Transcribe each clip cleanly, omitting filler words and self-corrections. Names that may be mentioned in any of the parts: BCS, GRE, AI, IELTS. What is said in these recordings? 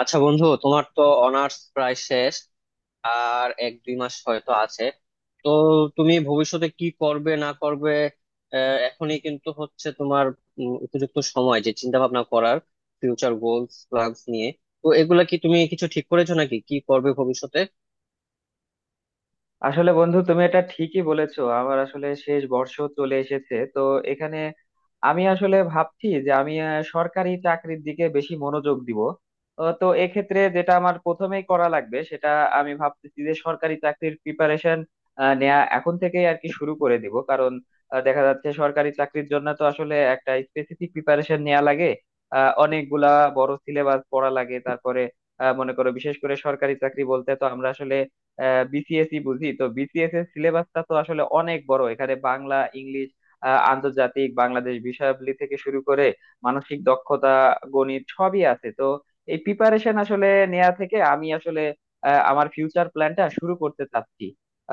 আচ্ছা বন্ধু, তোমার তো অনার্স প্রায় শেষ। আর এক দুই মাস হয়তো আছে। তো তুমি ভবিষ্যতে কি করবে না করবে। এখনই কিন্তু হচ্ছে তোমার উপযুক্ত সময় যে চিন্তা ভাবনা করার ফিউচার গোলস প্ল্যানস নিয়ে। তো এগুলা কি তুমি কিছু ঠিক করেছো নাকি কি করবে ভবিষ্যতে? আসলে বন্ধু তুমি এটা ঠিকই বলেছো আমার আসলে শেষ বর্ষ চলে এসেছে তো এখানে আমি আসলে ভাবছি যে আমি সরকারি চাকরির দিকে বেশি মনোযোগ দিব। তো এক্ষেত্রে যেটা আমার প্রথমেই করা লাগবে সেটা আমি ভাবতেছি যে সরকারি চাকরির প্রিপারেশন নেয়া এখন থেকেই আর কি শুরু করে দিব। কারণ দেখা যাচ্ছে সরকারি চাকরির জন্য তো আসলে একটা স্পেসিফিক প্রিপারেশন নেওয়া লাগে। অনেকগুলা বড় সিলেবাস পড়া লাগে। তারপরে মনে করো বিশেষ করে সরকারি চাকরি বলতে তো আমরা আসলে বিসিএসই বুঝি, তো বিসিএস এর সিলেবাসটা তো আসলে অনেক বড়। এখানে বাংলা ইংলিশ আন্তর্জাতিক বাংলাদেশ বিষয়াবলী থেকে শুরু করে মানসিক দক্ষতা গণিত সবই আছে। তো এই প্রিপারেশন আসলে নেয়া থেকে আমি আসলে আমার ফিউচার প্ল্যানটা শুরু করতে চাচ্ছি।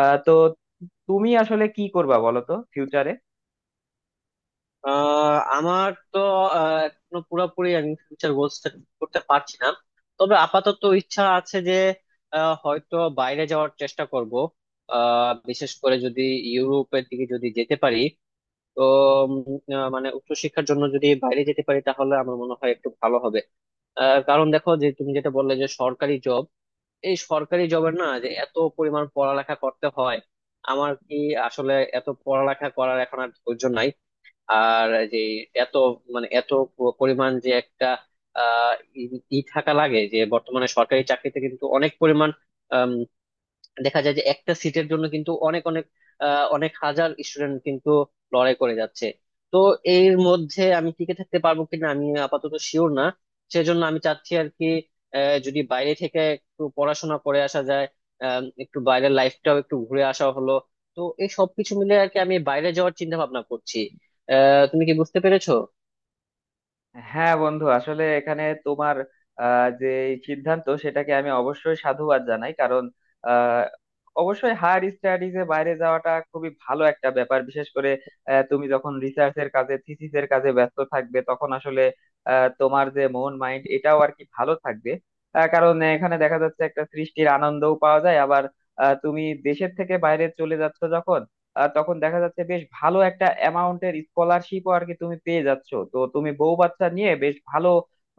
তো তুমি আসলে কি করবা বলো তো ফিউচারে? আমার তো এখনো পুরোপুরি আমি ফিউচার গোলস করতে পারছি না। তবে আপাতত ইচ্ছা আছে যে হয়তো বাইরে যাওয়ার চেষ্টা করব। বিশেষ করে যদি ইউরোপের দিকে যদি যেতে পারি। তো উম, মানে উচ্চশিক্ষার জন্য যদি বাইরে যেতে পারি তাহলে আমার মনে হয় একটু ভালো হবে। কারণ দেখো যে তুমি যেটা বললে যে সরকারি জব, এই সরকারি জবের না যে এত পরিমাণ পড়ালেখা করতে হয়। আমার কি আসলে এত পড়ালেখা করার এখন আর ধৈর্য নাই। আর যে এত মানে এত পরিমাণ যে একটা আহ ই ই থাকা লাগে যে বর্তমানে সরকারি চাকরিতে কিন্তু অনেক পরিমাণ দেখা যায় যে একটা সিটের জন্য কিন্তু অনেক অনেক অনেক হাজার স্টুডেন্ট কিন্তু লড়াই করে যাচ্ছে। তো এর মধ্যে আমি টিকে থাকতে পারবো কিনা আমি আপাতত শিওর না। সেজন্য আমি চাচ্ছি আর কি যদি বাইরে থেকে একটু পড়াশোনা করে আসা যায়, একটু বাইরের লাইফটাও একটু ঘুরে আসা হলো। তো এই সবকিছু মিলে আর কি আমি বাইরে যাওয়ার চিন্তা ভাবনা করছি। তুমি কি বুঝতে পেরেছো? হ্যাঁ বন্ধু, আসলে এখানে তোমার যে এই সিদ্ধান্ত সেটাকে আমি অবশ্যই সাধুবাদ জানাই। কারণ আহ, অবশ্যই হায়ার স্টাডিজে বাইরে যাওয়াটা খুবই ভালো একটা ব্যাপার। বিশেষ করে তুমি যখন রিসার্চের কাজে থিসিসের কাজে ব্যস্ত থাকবে তখন আসলে তোমার যে মন মাইন্ড এটাও আর কি ভালো থাকবে। কারণ এখানে দেখা যাচ্ছে একটা সৃষ্টির আনন্দও পাওয়া যায়। আবার তুমি দেশের থেকে বাইরে চলে যাচ্ছ যখন, তখন দেখা যাচ্ছে বেশ ভালো একটা অ্যামাউন্টের স্কলারশিপও আর কি তুমি পেয়ে যাচ্ছ। তো তুমি বউ বাচ্চা নিয়ে বেশ ভালো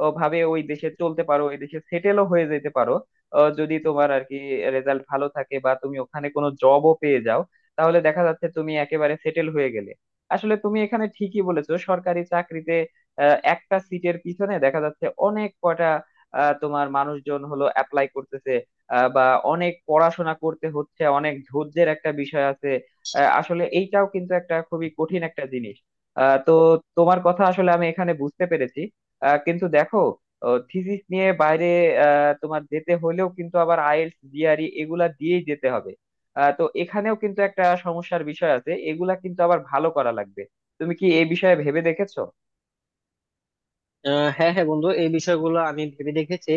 ভাবে ওই দেশে চলতে পারো, ওই দেশে সেটেলও হয়ে যেতে পারো যদি তোমার আর কি রেজাল্ট ভালো থাকে বা তুমি ওখানে কোনো জবও পেয়ে যাও। তাহলে দেখা যাচ্ছে তুমি একেবারে সেটেল হয়ে গেলে। আসলে তুমি এখানে ঠিকই বলেছো, সরকারি চাকরিতে একটা সিটের পিছনে দেখা যাচ্ছে অনেক কয়টা তোমার মানুষজন হলো অ্যাপ্লাই করতেছে বা অনেক পড়াশোনা করতে হচ্ছে। অনেক ধৈর্যের একটা বিষয় আছে। আসলে এইটাও কিন্তু একটা খুবই কঠিন একটা জিনিস। তো তোমার কথা আসলে আমি এখানে বুঝতে পেরেছি। কিন্তু দেখো থিসিস নিয়ে বাইরে তোমার যেতে হলেও কিন্তু আবার আইএলটিএস জিআরই এগুলা দিয়েই যেতে হবে। তো এখানেও কিন্তু একটা সমস্যার বিষয় আছে। এগুলা কিন্তু আবার ভালো করা লাগবে। তুমি কি এই বিষয়ে ভেবে দেখেছো? হ্যাঁ, হ্যাঁ বন্ধু, এই বিষয়গুলো আমি ভেবে দেখেছি।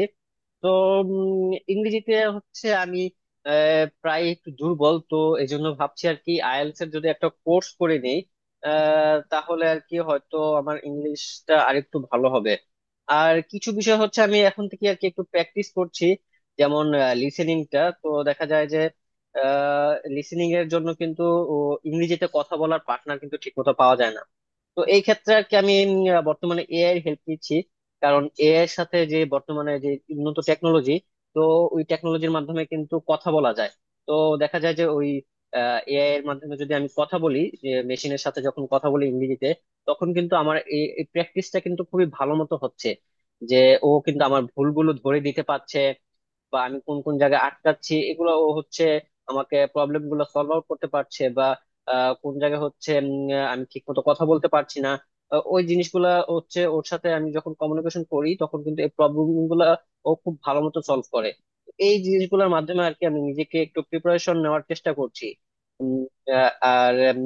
তো ইংরেজিতে হচ্ছে আমি প্রায় একটু দুর্বল। তো এই জন্য ভাবছি আর কি আইএলটিএস এর যদি একটা কোর্স করে নিই তাহলে আর কি হয়তো আমার ইংলিশটা আরেকটু ভালো হবে। আর কিছু বিষয় হচ্ছে আমি এখন থেকে আর কি একটু প্র্যাকটিস করছি। যেমন লিসেনিংটা তো দেখা যায় যে, লিসেনিং এর জন্য কিন্তু ও, ইংরেজিতে কথা বলার পার্টনার কিন্তু ঠিক মতো পাওয়া যায় না। তো এই ক্ষেত্রে আর কি আমি বর্তমানে এআই এর হেল্প নিচ্ছি। কারণ এআই এর সাথে যে বর্তমানে যে উন্নত টেকনোলজি, তো ওই টেকনোলজির মাধ্যমে কিন্তু কথা বলা যায়। তো দেখা যায় যে ওই এআই এর মাধ্যমে যদি আমি কথা বলি, যে মেশিনের সাথে যখন কথা বলি ইংরেজিতে, তখন কিন্তু আমার এই প্র্যাকটিসটা কিন্তু খুবই ভালো মতো হচ্ছে। যে ও কিন্তু আমার ভুলগুলো ধরে দিতে পারছে বা আমি কোন কোন জায়গায় আটকাচ্ছি এগুলো ও হচ্ছে আমাকে প্রবলেম গুলো সলভ আউট করতে পারছে। বা কোন জায়গায় হচ্ছে আমি ঠিক মতো কথা বলতে পারছি না, ওই জিনিসগুলা হচ্ছে ওর সাথে আমি যখন কমিউনিকেশন করি তখন কিন্তু এই প্রবলেম গুলা ও খুব ভালো মতো সলভ করে। এই জিনিসগুলোর মাধ্যমে আর কি আমি নিজেকে একটু প্রিপারেশন নেওয়ার চেষ্টা করছি। আহ, আর উম,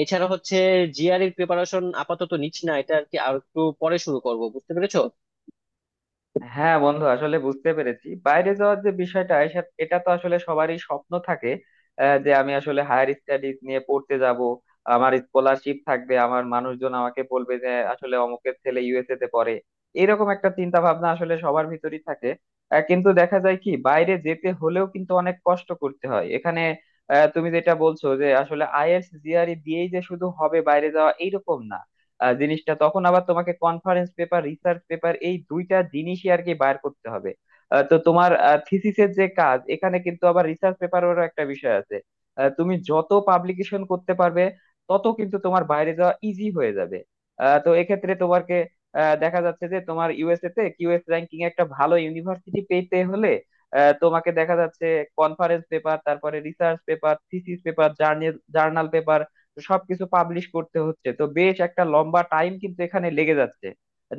এছাড়া হচ্ছে জিআরই প্রিপারেশন আপাতত নিচ্ছি না, এটা আর কি আর একটু পরে শুরু করব। বুঝতে পেরেছো? হ্যাঁ বন্ধু, আসলে বুঝতে পেরেছি বাইরে যাওয়ার যে বিষয়টা এটা তো আসলে সবারই স্বপ্ন থাকে যে আমি আসলে হায়ার স্টাডিজ নিয়ে পড়তে যাব, আমার স্কলারশিপ থাকবে, আমার মানুষজন আমাকে বলবে যে আসলে অমুকের ছেলে ইউএসএ তে পড়ে। এরকম একটা চিন্তা ভাবনা আসলে সবার ভিতরই থাকে। কিন্তু দেখা যায় কি, বাইরে যেতে হলেও কিন্তু অনেক কষ্ট করতে হয়। এখানে তুমি যেটা বলছো যে আসলে আইএলটিএস জিআরই দিয়েই যে শুধু হবে বাইরে যাওয়া, এইরকম না। জিনিসটা তখন আবার তোমাকে কনফারেন্স পেপার রিসার্চ পেপার এই দুইটা জিনিসই আর কি বার করতে হবে। তো তোমার থিসিসের যে কাজ এখানে কিন্তু আবার রিসার্চ পেপারেরও একটা বিষয় আছে। তুমি যত পাবলিকেশন করতে পারবে তত কিন্তু তোমার বাইরে যাওয়া ইজি হয়ে যাবে। তো এক্ষেত্রে তোমাকে দেখা যাচ্ছে যে তোমার ইউএসএ তে কিউএস র্যাঙ্কিং একটা ভালো ইউনিভার্সিটি পেতে হলে তোমাকে দেখা যাচ্ছে কনফারেন্স পেপার তারপরে research paper thesis paper journal সবকিছু পাবলিশ করতে হচ্ছে। তো বেশ একটা লম্বা টাইম কিন্তু এখানে লেগে যাচ্ছে।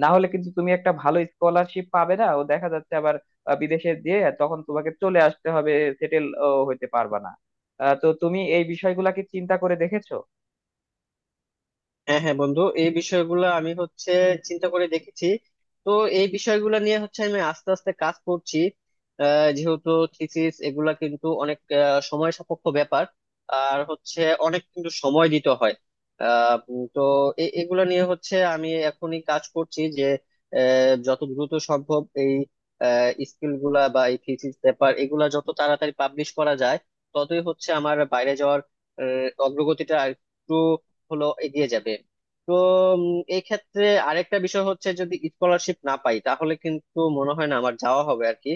না হলে কিন্তু তুমি একটা ভালো স্কলারশিপ পাবে না ও দেখা যাচ্ছে আবার বিদেশে দিয়ে তখন তোমাকে চলে আসতে হবে, সেটেল হতে পারবা না। তো তুমি এই বিষয়গুলা কি চিন্তা করে দেখেছো? হ্যাঁ, হ্যাঁ বন্ধু, এই বিষয়গুলো আমি হচ্ছে চিন্তা করে দেখেছি। তো এই বিষয়গুলো নিয়ে হচ্ছে আমি আস্তে আস্তে কাজ করছি। যেহেতু থিসিস এগুলা কিন্তু অনেক সময় সাপেক্ষ ব্যাপার। আর হচ্ছে অনেক কিন্তু সময় দিতে হয়। তো এগুলা নিয়ে হচ্ছে আমি এখনই কাজ করছি যে যত দ্রুত সম্ভব এই স্কিল গুলা বা এই থিসিস পেপার এগুলা যত তাড়াতাড়ি পাবলিশ করা যায় ততই হচ্ছে আমার বাইরে যাওয়ার অগ্রগতিটা আর একটু হলো এগিয়ে যাবে। তো উম, এই ক্ষেত্রে আরেকটা বিষয় হচ্ছে যদি স্কলারশিপ না পাই তাহলে কিন্তু মনে হয় না আমার যাওয়া হবে আর কি।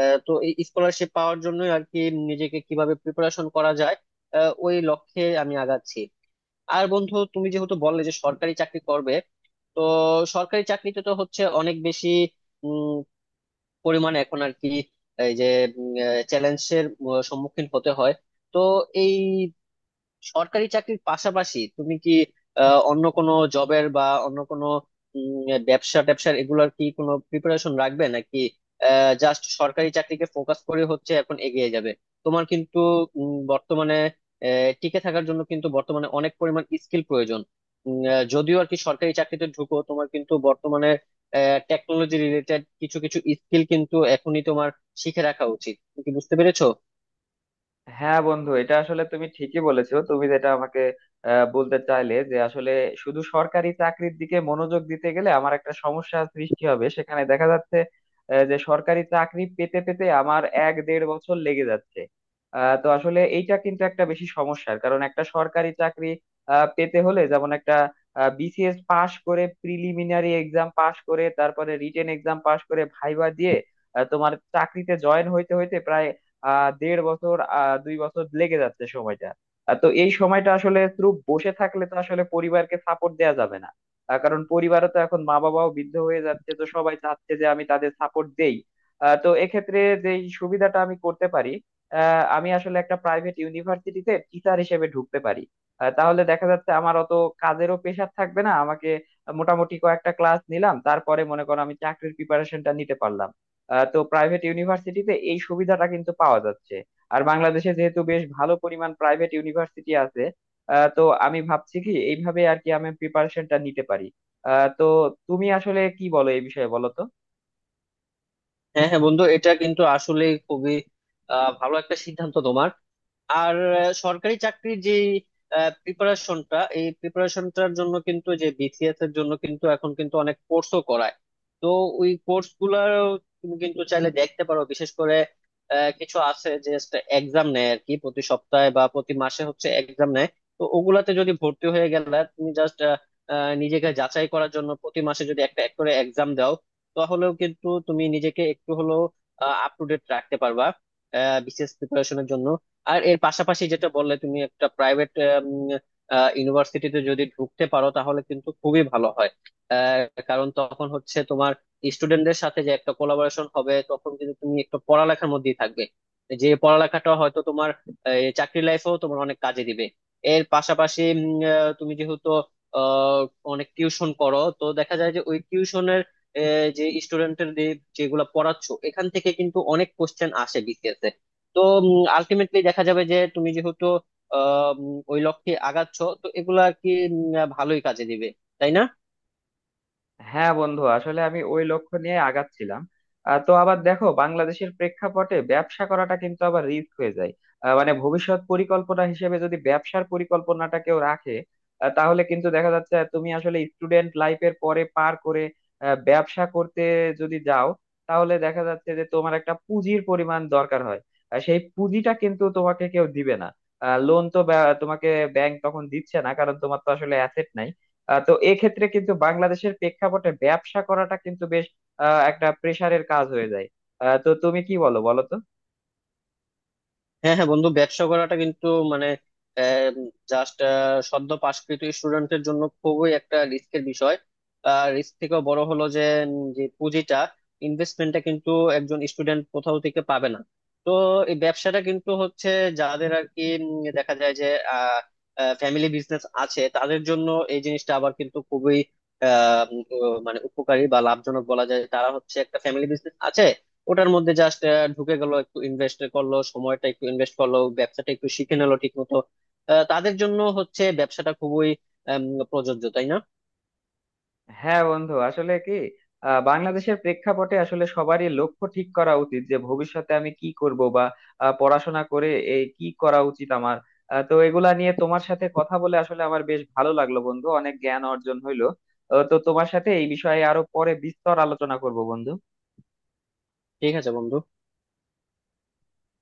তো এই স্কলারশিপ পাওয়ার জন্য আর কি নিজেকে কিভাবে প্রিপারেশন করা যায়, ওই লক্ষ্যে আমি আগাচ্ছি। আর বন্ধু তুমি যেহেতু বললে যে সরকারি চাকরি করবে, তো সরকারি চাকরিতে তো হচ্ছে অনেক বেশি উম, পরিমাণে এখন আর কি এই যে চ্যালেঞ্জের সম্মুখীন হতে হয়। তো এই সরকারি চাকরির পাশাপাশি তুমি কি অন্য কোনো জবের বা অন্য কোনো ব্যবসা ট্যাবসার এগুলোর কি কোনো প্রিপারেশন রাখবে, নাকি জাস্ট সরকারি চাকরিকে ফোকাস করে হচ্ছে এখন এগিয়ে যাবে? তোমার কিন্তু বর্তমানে টিকে থাকার জন্য কিন্তু বর্তমানে অনেক পরিমাণ স্কিল প্রয়োজন। যদিও আর কি সরকারি চাকরিতে ঢুকো তোমার কিন্তু বর্তমানে টেকনোলজি রিলেটেড কিছু কিছু স্কিল কিন্তু এখনই তোমার শিখে রাখা উচিত। তুমি কি বুঝতে পেরেছো? হ্যাঁ বন্ধু, এটা আসলে তুমি ঠিকই বলেছো। তুমি যেটা আমাকে বলতে চাইলে যে আসলে শুধু সরকারি চাকরির দিকে মনোযোগ দিতে গেলে আমার একটা সমস্যা সৃষ্টি হবে। সেখানে দেখা যাচ্ছে যে সরকারি চাকরি পেতে পেতে আমার 1-1.5 বছর লেগে যাচ্ছে। তো আসলে এইটা কিন্তু একটা বেশি সমস্যার কারণ। একটা সরকারি চাকরি পেতে হলে যেমন একটা বিসিএস পাশ করে প্রিলিমিনারি এক্সাম পাশ করে তারপরে রিটেন এক্সাম পাশ করে ভাইবা দিয়ে তোমার চাকরিতে জয়েন হইতে হইতে প্রায় 1.5 বছর 2 বছর লেগে যাচ্ছে সময়টা। তো এই সময়টা আসলে শুধু বসে থাকলে তো আসলে পরিবারকে সাপোর্ট দেওয়া যাবে না। কারণ পরিবারও তো এখন মা বাবাও বৃদ্ধ হয়ে যাচ্ছে। তো সবাই চাচ্ছে যে আমি তাদের সাপোর্ট দেই। তো এক্ষেত্রে যে সুবিধাটা আমি করতে পারি, আমি আসলে একটা প্রাইভেট ইউনিভার্সিটিতে টিচার হিসেবে ঢুকতে পারি। তাহলে দেখা যাচ্ছে আমার অত কাজেরও প্রেশার থাকবে না। আমাকে মোটামুটি কয়েকটা ক্লাস নিলাম, তারপরে মনে করো আমি চাকরির প্রিপারেশনটা নিতে পারলাম। তো প্রাইভেট ইউনিভার্সিটিতে এই সুবিধাটা কিন্তু পাওয়া যাচ্ছে। আর বাংলাদেশে যেহেতু বেশ ভালো পরিমাণ প্রাইভেট ইউনিভার্সিটি আছে তো আমি ভাবছি কি এইভাবে আর কি আমি প্রিপারেশনটা নিতে পারি। তো তুমি আসলে কি বলো এই বিষয়ে বলো তো? হ্যাঁ, হ্যাঁ বন্ধু, এটা কিন্তু আসলে খুবই ভালো একটা সিদ্ধান্ত তোমার। আর সরকারি চাকরির যে প্রিপারেশনটা, এই প্রিপারেশনটার জন্য কিন্তু যে বিসিএস এর জন্য কিন্তু এখন কিন্তু অনেক কোর্সও করায়। তো ওই কোর্স গুলার তুমি কিন্তু চাইলে দেখতে পারো। বিশেষ করে কিছু আছে যে এক্সাম নেয় আর কি প্রতি সপ্তাহে বা প্রতি মাসে হচ্ছে এক্সাম নেয়। তো ওগুলাতে যদি ভর্তি হয়ে গেলে তুমি জাস্ট নিজেকে যাচাই করার জন্য প্রতি মাসে যদি একটা এক করে এক্সাম দাও, তাহলেও কিন্তু তুমি নিজেকে একটু হলেও আপ টু ডেট রাখতে পারবা বিসিএস প্রিপারেশনের জন্য। আর এর পাশাপাশি যেটা বললে তুমি একটা প্রাইভেট ইউনিভার্সিটিতে যদি ঢুকতে পারো তাহলে কিন্তু খুবই ভালো হয়। কারণ তখন হচ্ছে তোমার স্টুডেন্টদের সাথে যে একটা কোলাবোরেশন হবে তখন কিন্তু তুমি একটু পড়ালেখার মধ্যেই থাকবে, যে পড়ালেখাটা হয়তো তোমার এই, চাকরি লাইফেও তোমার অনেক কাজে দিবে। এর পাশাপাশি তুমি যেহেতু আহ, অনেক টিউশন করো, তো দেখা যায় যে ওই টিউশনের যে স্টুডেন্টের যেগুলো পড়াচ্ছো এখান থেকে কিন্তু অনেক কোশ্চেন আসে বিসিএস এ। তো আলটিমেটলি দেখা যাবে যে তুমি যেহেতু ওই লক্ষ্যে আগাচ্ছ, তো এগুলা আর কি ভালোই কাজে দিবে, তাই না? হ্যাঁ বন্ধু, আসলে আমি ওই লক্ষ্য নিয়ে আগাচ্ছিলাম। তো আবার দেখো বাংলাদেশের প্রেক্ষাপটে ব্যবসা করাটা কিন্তু আবার রিস্ক হয়ে যায়। মানে ভবিষ্যৎ পরিকল্পনা হিসেবে যদি ব্যবসার পরিকল্পনাটা কেউ রাখে তাহলে কিন্তু দেখা যাচ্ছে তুমি আসলে স্টুডেন্ট লাইফের পরে পার করে ব্যবসা করতে যদি যাও তাহলে দেখা যাচ্ছে যে তোমার একটা পুঁজির পরিমাণ দরকার হয়। আর সেই পুঁজিটা কিন্তু তোমাকে কেউ দিবে না। লোন তো তোমাকে ব্যাংক তখন দিচ্ছে না, কারণ তোমার তো আসলে অ্যাসেট নাই। তো এক্ষেত্রে কিন্তু বাংলাদেশের প্রেক্ষাপটে ব্যবসা করাটা কিন্তু বেশ একটা প্রেসারের কাজ হয়ে যায়। তো তুমি কি বলো বলো তো? হ্যাঁ, হ্যাঁ বন্ধু, ব্যবসা করাটা কিন্তু মানে জাস্ট সদ্য পাশকৃত স্টুডেন্টের জন্য খুবই একটা রিস্কের বিষয়। আর রিস্ক থেকেও বড় হলো যে যে পুঁজিটা ইনভেস্টমেন্টটা কিন্তু একজন স্টুডেন্ট কোথাও থেকে পাবে না। তো এই ব্যবসাটা কিন্তু হচ্ছে যাদের আর কি দেখা যায় যে ফ্যামিলি বিজনেস আছে তাদের জন্য এই জিনিসটা আবার কিন্তু খুবই আহ, মানে উপকারী বা লাভজনক বলা যায়। তারা হচ্ছে একটা ফ্যামিলি বিজনেস আছে, ওটার মধ্যে জাস্ট ঢুকে গেল, একটু ইনভেস্ট করলো, সময়টা একটু ইনভেস্ট করলো, ব্যবসাটা একটু শিখে নিলো ঠিক মতো। তাদের জন্য হচ্ছে ব্যবসাটা খুবই আম, প্রযোজ্য, তাই না? হ্যাঁ বন্ধু, আসলে কি বাংলাদেশের প্রেক্ষাপটে আসলে সবারই লক্ষ্য ঠিক করা উচিত যে ভবিষ্যতে আমি কি করব বা পড়াশোনা করে এই কি করা উচিত আমার। তো এগুলা নিয়ে তোমার সাথে কথা বলে আসলে আমার বেশ ভালো লাগলো বন্ধু, অনেক জ্ঞান অর্জন হইলো। তো তোমার সাথে এই বিষয়ে আরো পরে বিস্তর আলোচনা করব বন্ধু। ঠিক আছে বন্ধু।